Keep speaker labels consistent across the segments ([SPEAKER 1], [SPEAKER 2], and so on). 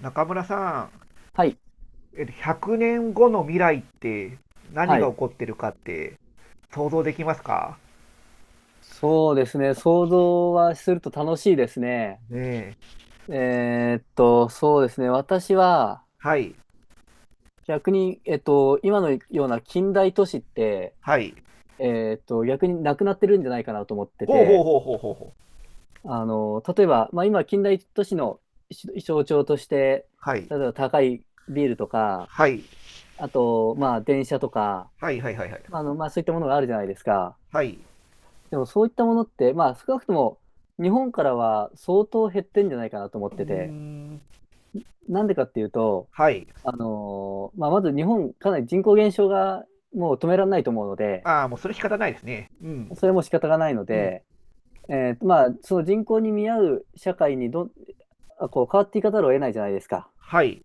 [SPEAKER 1] 中村さん、
[SPEAKER 2] はい。
[SPEAKER 1] 100年後の未来って何
[SPEAKER 2] は
[SPEAKER 1] が起
[SPEAKER 2] い。
[SPEAKER 1] こってるかって想像できますか？
[SPEAKER 2] そうですね。想像はすると楽しいですね。
[SPEAKER 1] ねえ。
[SPEAKER 2] そうですね。私は
[SPEAKER 1] はい。
[SPEAKER 2] 逆に、今のような近代都市って、
[SPEAKER 1] はい。
[SPEAKER 2] 逆になくなってるんじゃないかなと思って
[SPEAKER 1] ほうほう
[SPEAKER 2] て、
[SPEAKER 1] ほうほうほうほう。
[SPEAKER 2] 例えば、まあ、今、近代都市の象徴として、
[SPEAKER 1] はい。
[SPEAKER 2] 例えば高いビールとか、
[SPEAKER 1] はい。
[SPEAKER 2] あと、まあ、電車とか、
[SPEAKER 1] はいはいはいはい。
[SPEAKER 2] まあ、そういったものがあるじゃないですか。
[SPEAKER 1] はい。
[SPEAKER 2] でもそういったものって、まあ少なくとも日本からは相当減ってんじゃないかなと思
[SPEAKER 1] う
[SPEAKER 2] っ
[SPEAKER 1] ー
[SPEAKER 2] てて、
[SPEAKER 1] ん。
[SPEAKER 2] なんでかっていうと、
[SPEAKER 1] はい。
[SPEAKER 2] まあまず日本かなり人口減少がもう止められないと思うので、
[SPEAKER 1] ああ、もうそれ仕方ないですね。うん。
[SPEAKER 2] それも仕方がないの
[SPEAKER 1] うん。
[SPEAKER 2] で、まあその人口に見合う社会にどん、あこう変わっていかざるを得ないじゃないですか。
[SPEAKER 1] はい。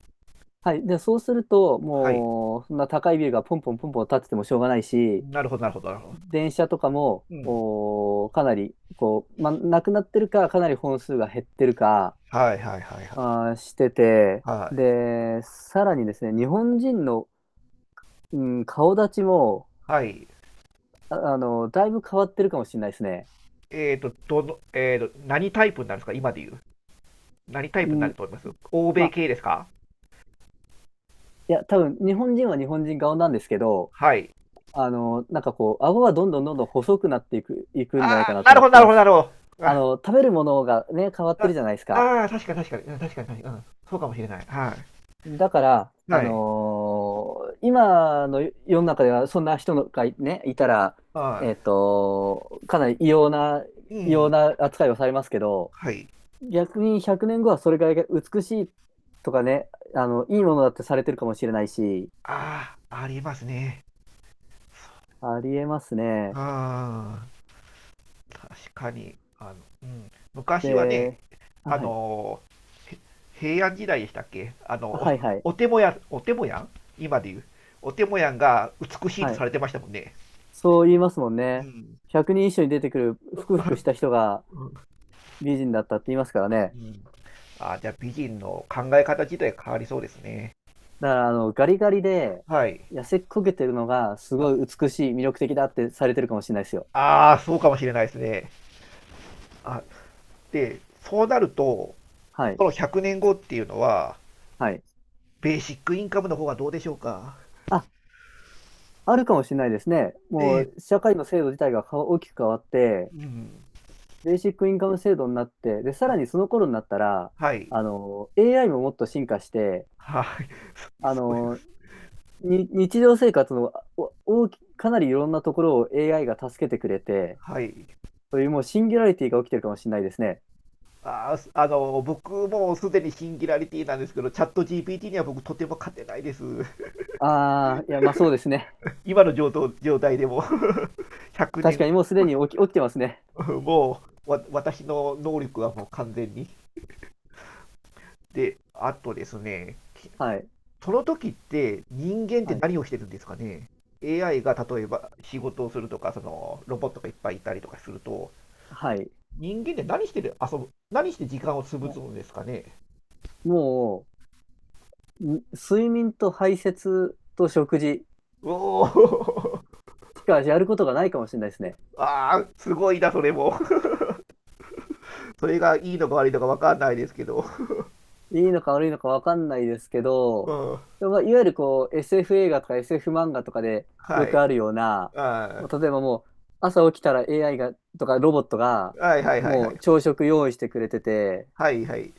[SPEAKER 2] はい。で、そうすると、
[SPEAKER 1] はい。
[SPEAKER 2] もうそんな高いビルがポンポンポンポン建っててもしょうがないし、
[SPEAKER 1] なるほどなるほどなるほど。
[SPEAKER 2] 電車とかも、
[SPEAKER 1] うん。
[SPEAKER 2] かなり、こう、まあ、なくなってるか、かなり本数が減ってるか、
[SPEAKER 1] はいはいはいはい。
[SPEAKER 2] してて、
[SPEAKER 1] はい。
[SPEAKER 2] で、さらにですね、日本人の、うん、顔立ちも、
[SPEAKER 1] はい。
[SPEAKER 2] だいぶ変わってるかもしれないですね。
[SPEAKER 1] えっと、どの、えっと、何タイプになるんですか今で言う。何タイプに
[SPEAKER 2] う
[SPEAKER 1] な
[SPEAKER 2] ん、
[SPEAKER 1] ると思います？欧
[SPEAKER 2] ま
[SPEAKER 1] 米
[SPEAKER 2] あ、
[SPEAKER 1] 系ですか？
[SPEAKER 2] いや、多分、日本人は日本人顔なんですけど、
[SPEAKER 1] はい。
[SPEAKER 2] なんかこう、顎はどんどんどんどん細くなっていく
[SPEAKER 1] あ
[SPEAKER 2] んじゃないか
[SPEAKER 1] あ、
[SPEAKER 2] なと
[SPEAKER 1] なる
[SPEAKER 2] 思っ
[SPEAKER 1] ほど、
[SPEAKER 2] て
[SPEAKER 1] なる
[SPEAKER 2] ま
[SPEAKER 1] ほど、な
[SPEAKER 2] す。
[SPEAKER 1] るほど。あ、
[SPEAKER 2] 食べるものがね、変わって
[SPEAKER 1] あ
[SPEAKER 2] るじゃないですか。
[SPEAKER 1] ああ確かに確かに、うん確かに確かに、うん、そうかもしれない。はい。
[SPEAKER 2] だから、
[SPEAKER 1] はい。
[SPEAKER 2] 今の世の中ではそんな人がいたら、
[SPEAKER 1] は
[SPEAKER 2] かなり
[SPEAKER 1] い。う
[SPEAKER 2] 異様
[SPEAKER 1] ん。
[SPEAKER 2] な扱いをされますけど、
[SPEAKER 1] はい。
[SPEAKER 2] 逆に100年後はそれが美しいとかね、いいものだってされてるかもしれないし、
[SPEAKER 1] ああ、ありますね。
[SPEAKER 2] ありえますね。
[SPEAKER 1] ああ、確かに。あの、うん。昔はね、
[SPEAKER 2] で、あ
[SPEAKER 1] あ
[SPEAKER 2] はい、
[SPEAKER 1] のーへ平安時代でしたっけ、
[SPEAKER 2] あはいはい、
[SPEAKER 1] お手もやん今で言う。お手もやんが美しい
[SPEAKER 2] は
[SPEAKER 1] と
[SPEAKER 2] い。
[SPEAKER 1] されてましたもんね。
[SPEAKER 2] そう言いますもん
[SPEAKER 1] う
[SPEAKER 2] ね。
[SPEAKER 1] ん。
[SPEAKER 2] 100人一緒に出てくるふくふくした人が
[SPEAKER 1] うん。
[SPEAKER 2] 美人だったって言いますからね。
[SPEAKER 1] うん。ああ、じゃあ美人の考え方自体変わりそうですね。
[SPEAKER 2] だから、ガリガリで、
[SPEAKER 1] はい。
[SPEAKER 2] 痩せこけてるのが、す
[SPEAKER 1] ま
[SPEAKER 2] ごい美しい、魅力的だってされてるかもしれないですよ。
[SPEAKER 1] ああ、そうかもしれないですね。あ、で、そうなると、
[SPEAKER 2] はい。
[SPEAKER 1] この100年後っていうのは、
[SPEAKER 2] はい。
[SPEAKER 1] ベーシックインカムの方がどうでしょうか。
[SPEAKER 2] あ、あるかもしれないですね。
[SPEAKER 1] え
[SPEAKER 2] も
[SPEAKER 1] え、
[SPEAKER 2] う、社会の制度自体が大きく変わって、
[SPEAKER 1] うん。
[SPEAKER 2] ベーシックインカム制度になって、で、さら
[SPEAKER 1] あ、
[SPEAKER 2] にその頃になったら、
[SPEAKER 1] はい。
[SPEAKER 2] AI ももっと進化して、
[SPEAKER 1] はい。
[SPEAKER 2] あ
[SPEAKER 1] すごい。
[SPEAKER 2] の、日常生活のお大き、かなりいろんなところを AI が助けてくれて、
[SPEAKER 1] はい。
[SPEAKER 2] そういうもうシンギュラリティが起きてるかもしれないですね。
[SPEAKER 1] あー、すあの、僕もすでにシンギュラリティなんですけど、チャット GPT には僕とても勝てないです。
[SPEAKER 2] ああ、いや、まあそうですね。
[SPEAKER 1] 今の状態でも100
[SPEAKER 2] 確かに
[SPEAKER 1] 年
[SPEAKER 2] もうすでに起きてますね。
[SPEAKER 1] もう、私の能力はもう完全に。で、あとですね、
[SPEAKER 2] はい、
[SPEAKER 1] その時って人間って
[SPEAKER 2] はい、
[SPEAKER 1] 何をしてるんですかね？ AI が例えば仕事をするとか、そのロボットがいっぱいいたりとかすると、
[SPEAKER 2] はい。
[SPEAKER 1] 人間って何して時間を
[SPEAKER 2] い
[SPEAKER 1] 潰
[SPEAKER 2] や
[SPEAKER 1] すんですかね？
[SPEAKER 2] もう、睡眠と排泄と食事
[SPEAKER 1] おお。
[SPEAKER 2] しかやることがないかもしれないですね。
[SPEAKER 1] ああ、すごいな、それも。それがいいのか悪いのかわかんないですけど。
[SPEAKER 2] いいのか悪いのかわかんないですけ
[SPEAKER 1] う
[SPEAKER 2] ど、
[SPEAKER 1] ん。
[SPEAKER 2] でもまあいわゆるこう SF 映画とか SF 漫画とかで
[SPEAKER 1] は
[SPEAKER 2] よく
[SPEAKER 1] い。
[SPEAKER 2] あるような、例
[SPEAKER 1] あ
[SPEAKER 2] えばもう朝起きたら AI がとかロボットが
[SPEAKER 1] はいはいはいは
[SPEAKER 2] も
[SPEAKER 1] い。
[SPEAKER 2] う朝食用意してくれてて、
[SPEAKER 1] はいはい。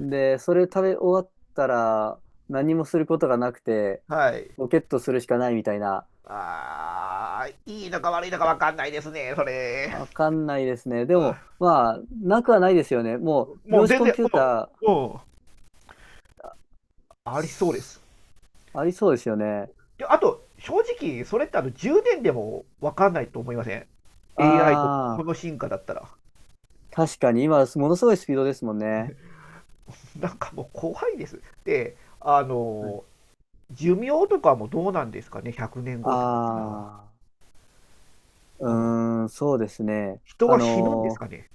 [SPEAKER 2] で、それ食べ終わったら何もすることがなくて、
[SPEAKER 1] はい。
[SPEAKER 2] ロケットするしかないみたいな。
[SPEAKER 1] ああ、いいのか悪いのかわかんないですね、それ。
[SPEAKER 2] わかんないですね。で
[SPEAKER 1] う
[SPEAKER 2] も、まあ、なくはないですよね。も
[SPEAKER 1] ん。
[SPEAKER 2] う、
[SPEAKER 1] もう
[SPEAKER 2] 量子
[SPEAKER 1] 全
[SPEAKER 2] コン
[SPEAKER 1] 然、
[SPEAKER 2] ピュー
[SPEAKER 1] お
[SPEAKER 2] タ
[SPEAKER 1] お、
[SPEAKER 2] ー、あ
[SPEAKER 1] ありそうです。
[SPEAKER 2] ありそうですよね。
[SPEAKER 1] で、あと、正直、それって10年でも分かんないと思いません？ AI とこ
[SPEAKER 2] ああ、
[SPEAKER 1] の進化だったら。
[SPEAKER 2] 確かに今、ものすごいスピードですもんね。
[SPEAKER 1] なんかもう怖いです。で、
[SPEAKER 2] はい
[SPEAKER 1] 寿命とかもどうなんですかね？ 100 年後ってなったら。
[SPEAKER 2] ああ、う
[SPEAKER 1] あの、
[SPEAKER 2] ーん、そうですね。
[SPEAKER 1] 人は死ぬんですかね？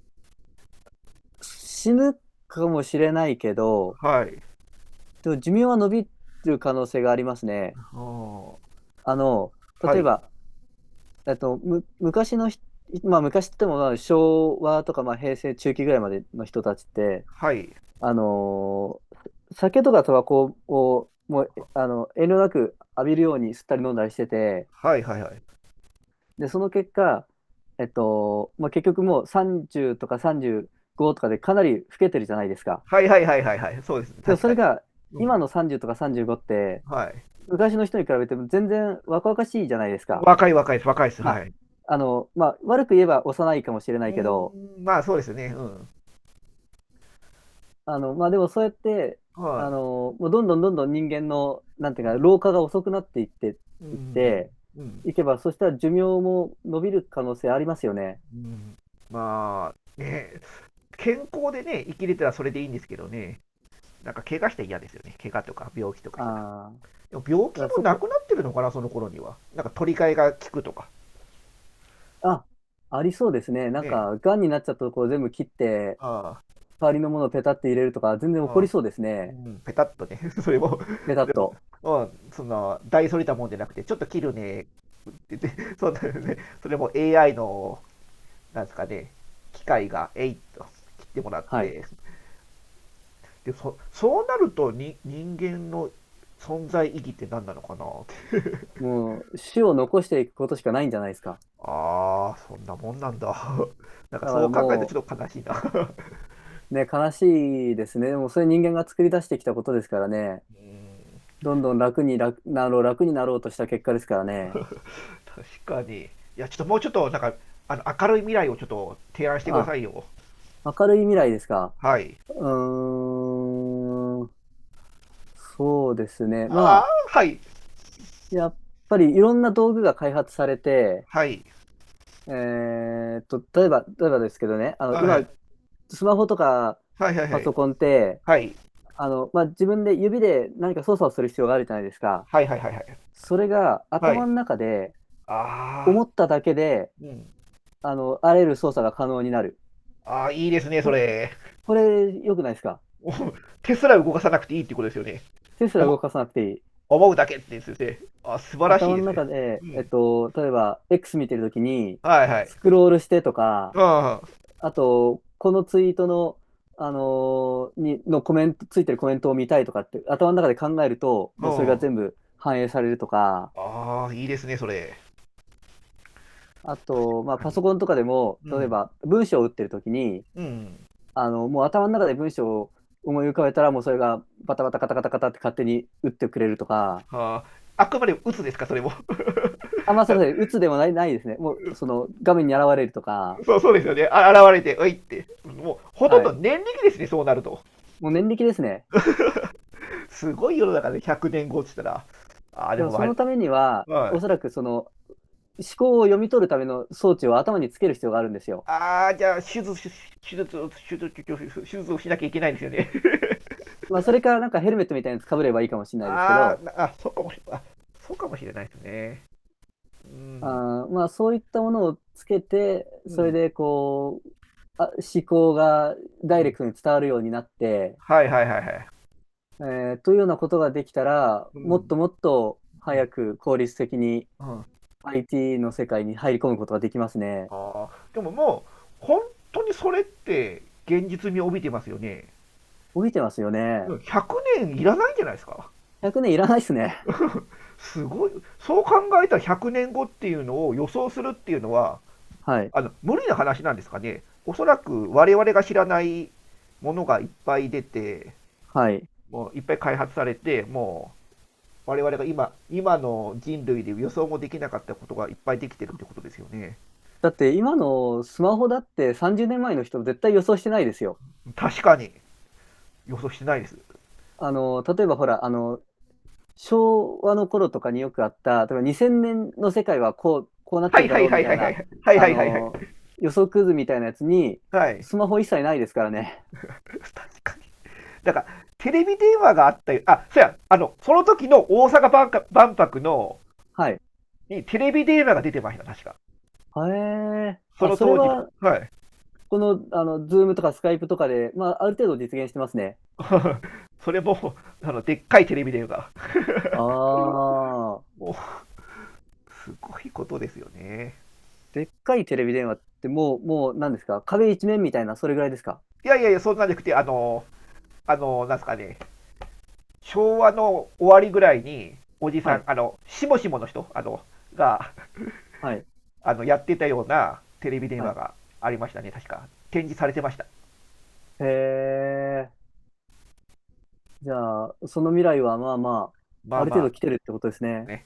[SPEAKER 2] 死ぬかもしれないけど、
[SPEAKER 1] はい。
[SPEAKER 2] でも寿命は伸びる可能性がありますね。
[SPEAKER 1] あー
[SPEAKER 2] あの、
[SPEAKER 1] は
[SPEAKER 2] 例え
[SPEAKER 1] い。
[SPEAKER 2] ば、えっと、む、昔のひ、まあ、昔って言っても、まあ、昭和とか、まあ、平成中期ぐらいまでの人たちって、
[SPEAKER 1] はい。
[SPEAKER 2] あのー酒とかタバコをもう、えあの、遠慮なく浴びるように吸ったり飲んだりしてて、
[SPEAKER 1] はいはいはい。
[SPEAKER 2] で、その結果、まあ、結局もう30とか35とかでかなり老けてるじゃないですか。
[SPEAKER 1] はいはいはいはいはい。そうですね。
[SPEAKER 2] でも
[SPEAKER 1] 確
[SPEAKER 2] そ
[SPEAKER 1] か
[SPEAKER 2] れ
[SPEAKER 1] に。
[SPEAKER 2] が
[SPEAKER 1] うん。
[SPEAKER 2] 今の30とか35って
[SPEAKER 1] はい。
[SPEAKER 2] 昔の人に比べても全然若々しいじゃないですか。
[SPEAKER 1] 若い若いです。若いです。
[SPEAKER 2] ま
[SPEAKER 1] は
[SPEAKER 2] あ、
[SPEAKER 1] い。
[SPEAKER 2] まあ、悪く言えば幼いかもしれな
[SPEAKER 1] う
[SPEAKER 2] いけど、
[SPEAKER 1] ーん、まあそうですね。うん。
[SPEAKER 2] まあ、でもそうやって、
[SPEAKER 1] は
[SPEAKER 2] もうどんどんどんどん人間の、なんて
[SPEAKER 1] い。
[SPEAKER 2] いう
[SPEAKER 1] う
[SPEAKER 2] か、
[SPEAKER 1] ん。
[SPEAKER 2] 老化が遅くなっていって、
[SPEAKER 1] う
[SPEAKER 2] いっ
[SPEAKER 1] ん。
[SPEAKER 2] て、
[SPEAKER 1] うん。
[SPEAKER 2] いけば、そしたら寿命も伸びる可能性ありますよね。
[SPEAKER 1] うん。まあ、ね、健康でね、生きれたらそれでいいんですけどね、なんか怪我したら嫌ですよね。怪我とか病気とか
[SPEAKER 2] あ
[SPEAKER 1] したら。
[SPEAKER 2] あ、
[SPEAKER 1] でも病気
[SPEAKER 2] だから
[SPEAKER 1] も
[SPEAKER 2] そ
[SPEAKER 1] な
[SPEAKER 2] こ、
[SPEAKER 1] くなってるのかな、その頃には。なんか取り替えが効くとか。
[SPEAKER 2] あ、ありそうですね。なん
[SPEAKER 1] ね。
[SPEAKER 2] か、癌になっちゃったところ全部切って、
[SPEAKER 1] あ
[SPEAKER 2] 代わりのものをペタって入れるとか、全然
[SPEAKER 1] あ、
[SPEAKER 2] 起
[SPEAKER 1] あ
[SPEAKER 2] こ
[SPEAKER 1] あ、
[SPEAKER 2] りそうです
[SPEAKER 1] う
[SPEAKER 2] ね。
[SPEAKER 1] ん、ペタッとね。それも、
[SPEAKER 2] ペタ
[SPEAKER 1] そ
[SPEAKER 2] ッ
[SPEAKER 1] れも、
[SPEAKER 2] と。
[SPEAKER 1] うん、大それたもんじゃなくて、ちょっと切るねって言って、そんなね、それも AI の、なんですかね、機械が、えいっと切ってもらっ
[SPEAKER 2] はい。
[SPEAKER 1] て、でそうなるとに人間の存在意義って何なのかなって。
[SPEAKER 2] もう、種を残していくことしかないんじゃないですか。
[SPEAKER 1] ああ、そんなもんなんだ。 なんか
[SPEAKER 2] だか
[SPEAKER 1] そう
[SPEAKER 2] ら
[SPEAKER 1] 考えると
[SPEAKER 2] も
[SPEAKER 1] ちょっと悲しいな。 う
[SPEAKER 2] う、ね、悲しいですね。でも、それ人間が作り出してきたことですからね。
[SPEAKER 1] ーん、
[SPEAKER 2] どんどん楽に楽になろうとした結果ですからね。
[SPEAKER 1] 確かに。いや、ちょっともうちょっとなんか、明るい未来をちょっと提案してくだ
[SPEAKER 2] あ、
[SPEAKER 1] さいよ。
[SPEAKER 2] 明るい未来ですか？
[SPEAKER 1] はい。
[SPEAKER 2] うーん、そうですね。ま
[SPEAKER 1] ああ、
[SPEAKER 2] あ、
[SPEAKER 1] はい
[SPEAKER 2] やっぱりいろんな道具が開発されて、
[SPEAKER 1] はい。
[SPEAKER 2] 例えばですけどね、
[SPEAKER 1] あ、は
[SPEAKER 2] 今、
[SPEAKER 1] い
[SPEAKER 2] スマホとか
[SPEAKER 1] はいはいは
[SPEAKER 2] パ
[SPEAKER 1] い
[SPEAKER 2] ソコンって、
[SPEAKER 1] はい
[SPEAKER 2] まあ、自分で指で何か操作をする必要があるじゃないですか。
[SPEAKER 1] はいはいはいはい
[SPEAKER 2] それが
[SPEAKER 1] は
[SPEAKER 2] 頭
[SPEAKER 1] い。
[SPEAKER 2] の中で
[SPEAKER 1] ああ。
[SPEAKER 2] 思っただけで、
[SPEAKER 1] うん。
[SPEAKER 2] あらゆる操作が可能になる。
[SPEAKER 1] ああ、いいですね、
[SPEAKER 2] こ
[SPEAKER 1] そ
[SPEAKER 2] れ、
[SPEAKER 1] れ。
[SPEAKER 2] これ良くないですか？
[SPEAKER 1] もう手すら動かさなくていいってことですよね？
[SPEAKER 2] 手すら
[SPEAKER 1] お、
[SPEAKER 2] 動かさなくていい。
[SPEAKER 1] 思うだけって言って、素晴らしい
[SPEAKER 2] 頭
[SPEAKER 1] で
[SPEAKER 2] の
[SPEAKER 1] すよ。
[SPEAKER 2] 中で、
[SPEAKER 1] うん。
[SPEAKER 2] 例えば X 見てるときに、
[SPEAKER 1] はいはい。
[SPEAKER 2] スクロールしてとか、
[SPEAKER 1] うん。
[SPEAKER 2] あと、このツイートの、あのーに、のコメント、ついてるコメントを見たいとかって、頭の中で考えると、
[SPEAKER 1] う
[SPEAKER 2] もうそれが
[SPEAKER 1] ん。
[SPEAKER 2] 全部反映されるとか、
[SPEAKER 1] ああ、いいですね、それ。
[SPEAKER 2] あと、まあ、
[SPEAKER 1] カ
[SPEAKER 2] パソ
[SPEAKER 1] ニ。
[SPEAKER 2] コンとかでも、
[SPEAKER 1] う
[SPEAKER 2] 例え
[SPEAKER 1] ん。
[SPEAKER 2] ば文章を打ってるときに、
[SPEAKER 1] うん。
[SPEAKER 2] もう頭の中で文章を思い浮かべたら、もうそれがバタバタカタカタカタって勝手に打ってくれるとか、
[SPEAKER 1] ああ、あくまで鬱ですか、それも。
[SPEAKER 2] まあ そう
[SPEAKER 1] だ
[SPEAKER 2] ですね、打つでもない、ですね。もう、その、画面に現れるとか、
[SPEAKER 1] そうそうですよね。あ、現れて、おいって。もう、ほとん
[SPEAKER 2] は
[SPEAKER 1] ど
[SPEAKER 2] い。
[SPEAKER 1] 年力ですね、そうなると。
[SPEAKER 2] もう念力ですね。
[SPEAKER 1] すごい世の中で100年後って言ったら。ああ、で
[SPEAKER 2] で
[SPEAKER 1] も
[SPEAKER 2] もそ
[SPEAKER 1] わり、
[SPEAKER 2] のためには、
[SPEAKER 1] は
[SPEAKER 2] お
[SPEAKER 1] い。
[SPEAKER 2] そらくその思考を読み取るための装置を頭につける必要があるんですよ。
[SPEAKER 1] ああ、じゃあ、手術、手術をしなきゃいけないんですよね。
[SPEAKER 2] まあ、それか、なんかヘルメットみたいなやつかぶればいいかもしれないですけ
[SPEAKER 1] あ
[SPEAKER 2] ど、
[SPEAKER 1] ーあ、そうかもしれない。そうかもしれないですね。うん。
[SPEAKER 2] あまあ、そういったものをつけて、
[SPEAKER 1] う
[SPEAKER 2] それ
[SPEAKER 1] ん。
[SPEAKER 2] でこう、思考が
[SPEAKER 1] う
[SPEAKER 2] ダイレ
[SPEAKER 1] ん。
[SPEAKER 2] クトに伝わるようになって、
[SPEAKER 1] はいはいはいはい。
[SPEAKER 2] えというようなことができたら、
[SPEAKER 1] う
[SPEAKER 2] もっと
[SPEAKER 1] ん。
[SPEAKER 2] もっと
[SPEAKER 1] うん。
[SPEAKER 2] 早く効率的に
[SPEAKER 1] うん、あ
[SPEAKER 2] IT の世界に入り込むことができますね。
[SPEAKER 1] あ。でももう、本当にそれって現実味を帯びてますよね。
[SPEAKER 2] 伸びてますよ
[SPEAKER 1] う
[SPEAKER 2] ね。
[SPEAKER 1] ん、100年いらないんじゃないですか？
[SPEAKER 2] 100年いらないですね。
[SPEAKER 1] すごい。そう考えたら100年後っていうのを予想するっていうのは、
[SPEAKER 2] はい。
[SPEAKER 1] 無理な話なんですかね。おそらく我々が知らないものがいっぱい出て、
[SPEAKER 2] はい。
[SPEAKER 1] もういっぱい開発されて、もう我々が今の人類で予想もできなかったことがいっぱいできてるってことですよね。
[SPEAKER 2] だって今のスマホだって30年前の人絶対予想してないですよ。
[SPEAKER 1] 確かに予想してないです。
[SPEAKER 2] 例えばほら、昭和の頃とかによくあった、例えば2000年の世界はこうなっ
[SPEAKER 1] は
[SPEAKER 2] て
[SPEAKER 1] い
[SPEAKER 2] るだ
[SPEAKER 1] は
[SPEAKER 2] ろ
[SPEAKER 1] い
[SPEAKER 2] う
[SPEAKER 1] は
[SPEAKER 2] み
[SPEAKER 1] い
[SPEAKER 2] た
[SPEAKER 1] は
[SPEAKER 2] い
[SPEAKER 1] いはい。
[SPEAKER 2] な、
[SPEAKER 1] はい
[SPEAKER 2] あ
[SPEAKER 1] はいはいは
[SPEAKER 2] の、
[SPEAKER 1] い。
[SPEAKER 2] 予測図みたいなやつに、
[SPEAKER 1] はい。
[SPEAKER 2] スマホ一切ないですからね。
[SPEAKER 1] だから、テレビ電話があったよ。そうや、その時の大阪万博
[SPEAKER 2] はい。
[SPEAKER 1] にテレビ電話が出てました、確か。
[SPEAKER 2] へえ。
[SPEAKER 1] その
[SPEAKER 2] それ
[SPEAKER 1] 当時の。
[SPEAKER 2] は、
[SPEAKER 1] はい。
[SPEAKER 2] この、あの、ズームとかスカイプとかで、まあ、ある程度実現してますね。
[SPEAKER 1] それも、でっかいテレビ電話が。
[SPEAKER 2] ああ。
[SPEAKER 1] もう、すごいことですよね。
[SPEAKER 2] でっかいテレビ電話ってもう何ですか？壁一面みたいな、それぐらいですか？
[SPEAKER 1] いやいやいや、そんなんじゃなくて、なんすかね、昭和の終わりぐらいに、おじさ
[SPEAKER 2] は
[SPEAKER 1] ん、
[SPEAKER 2] い。
[SPEAKER 1] しもしもの人、が、
[SPEAKER 2] はい。
[SPEAKER 1] やってたようなテレビ電
[SPEAKER 2] は
[SPEAKER 1] 話
[SPEAKER 2] い。
[SPEAKER 1] がありましたね、確か。展示されてました。
[SPEAKER 2] へえ。じゃあ、その未来はまあまあ、
[SPEAKER 1] まあ
[SPEAKER 2] ある
[SPEAKER 1] ま
[SPEAKER 2] 程
[SPEAKER 1] あ、
[SPEAKER 2] 度来てるってことですね。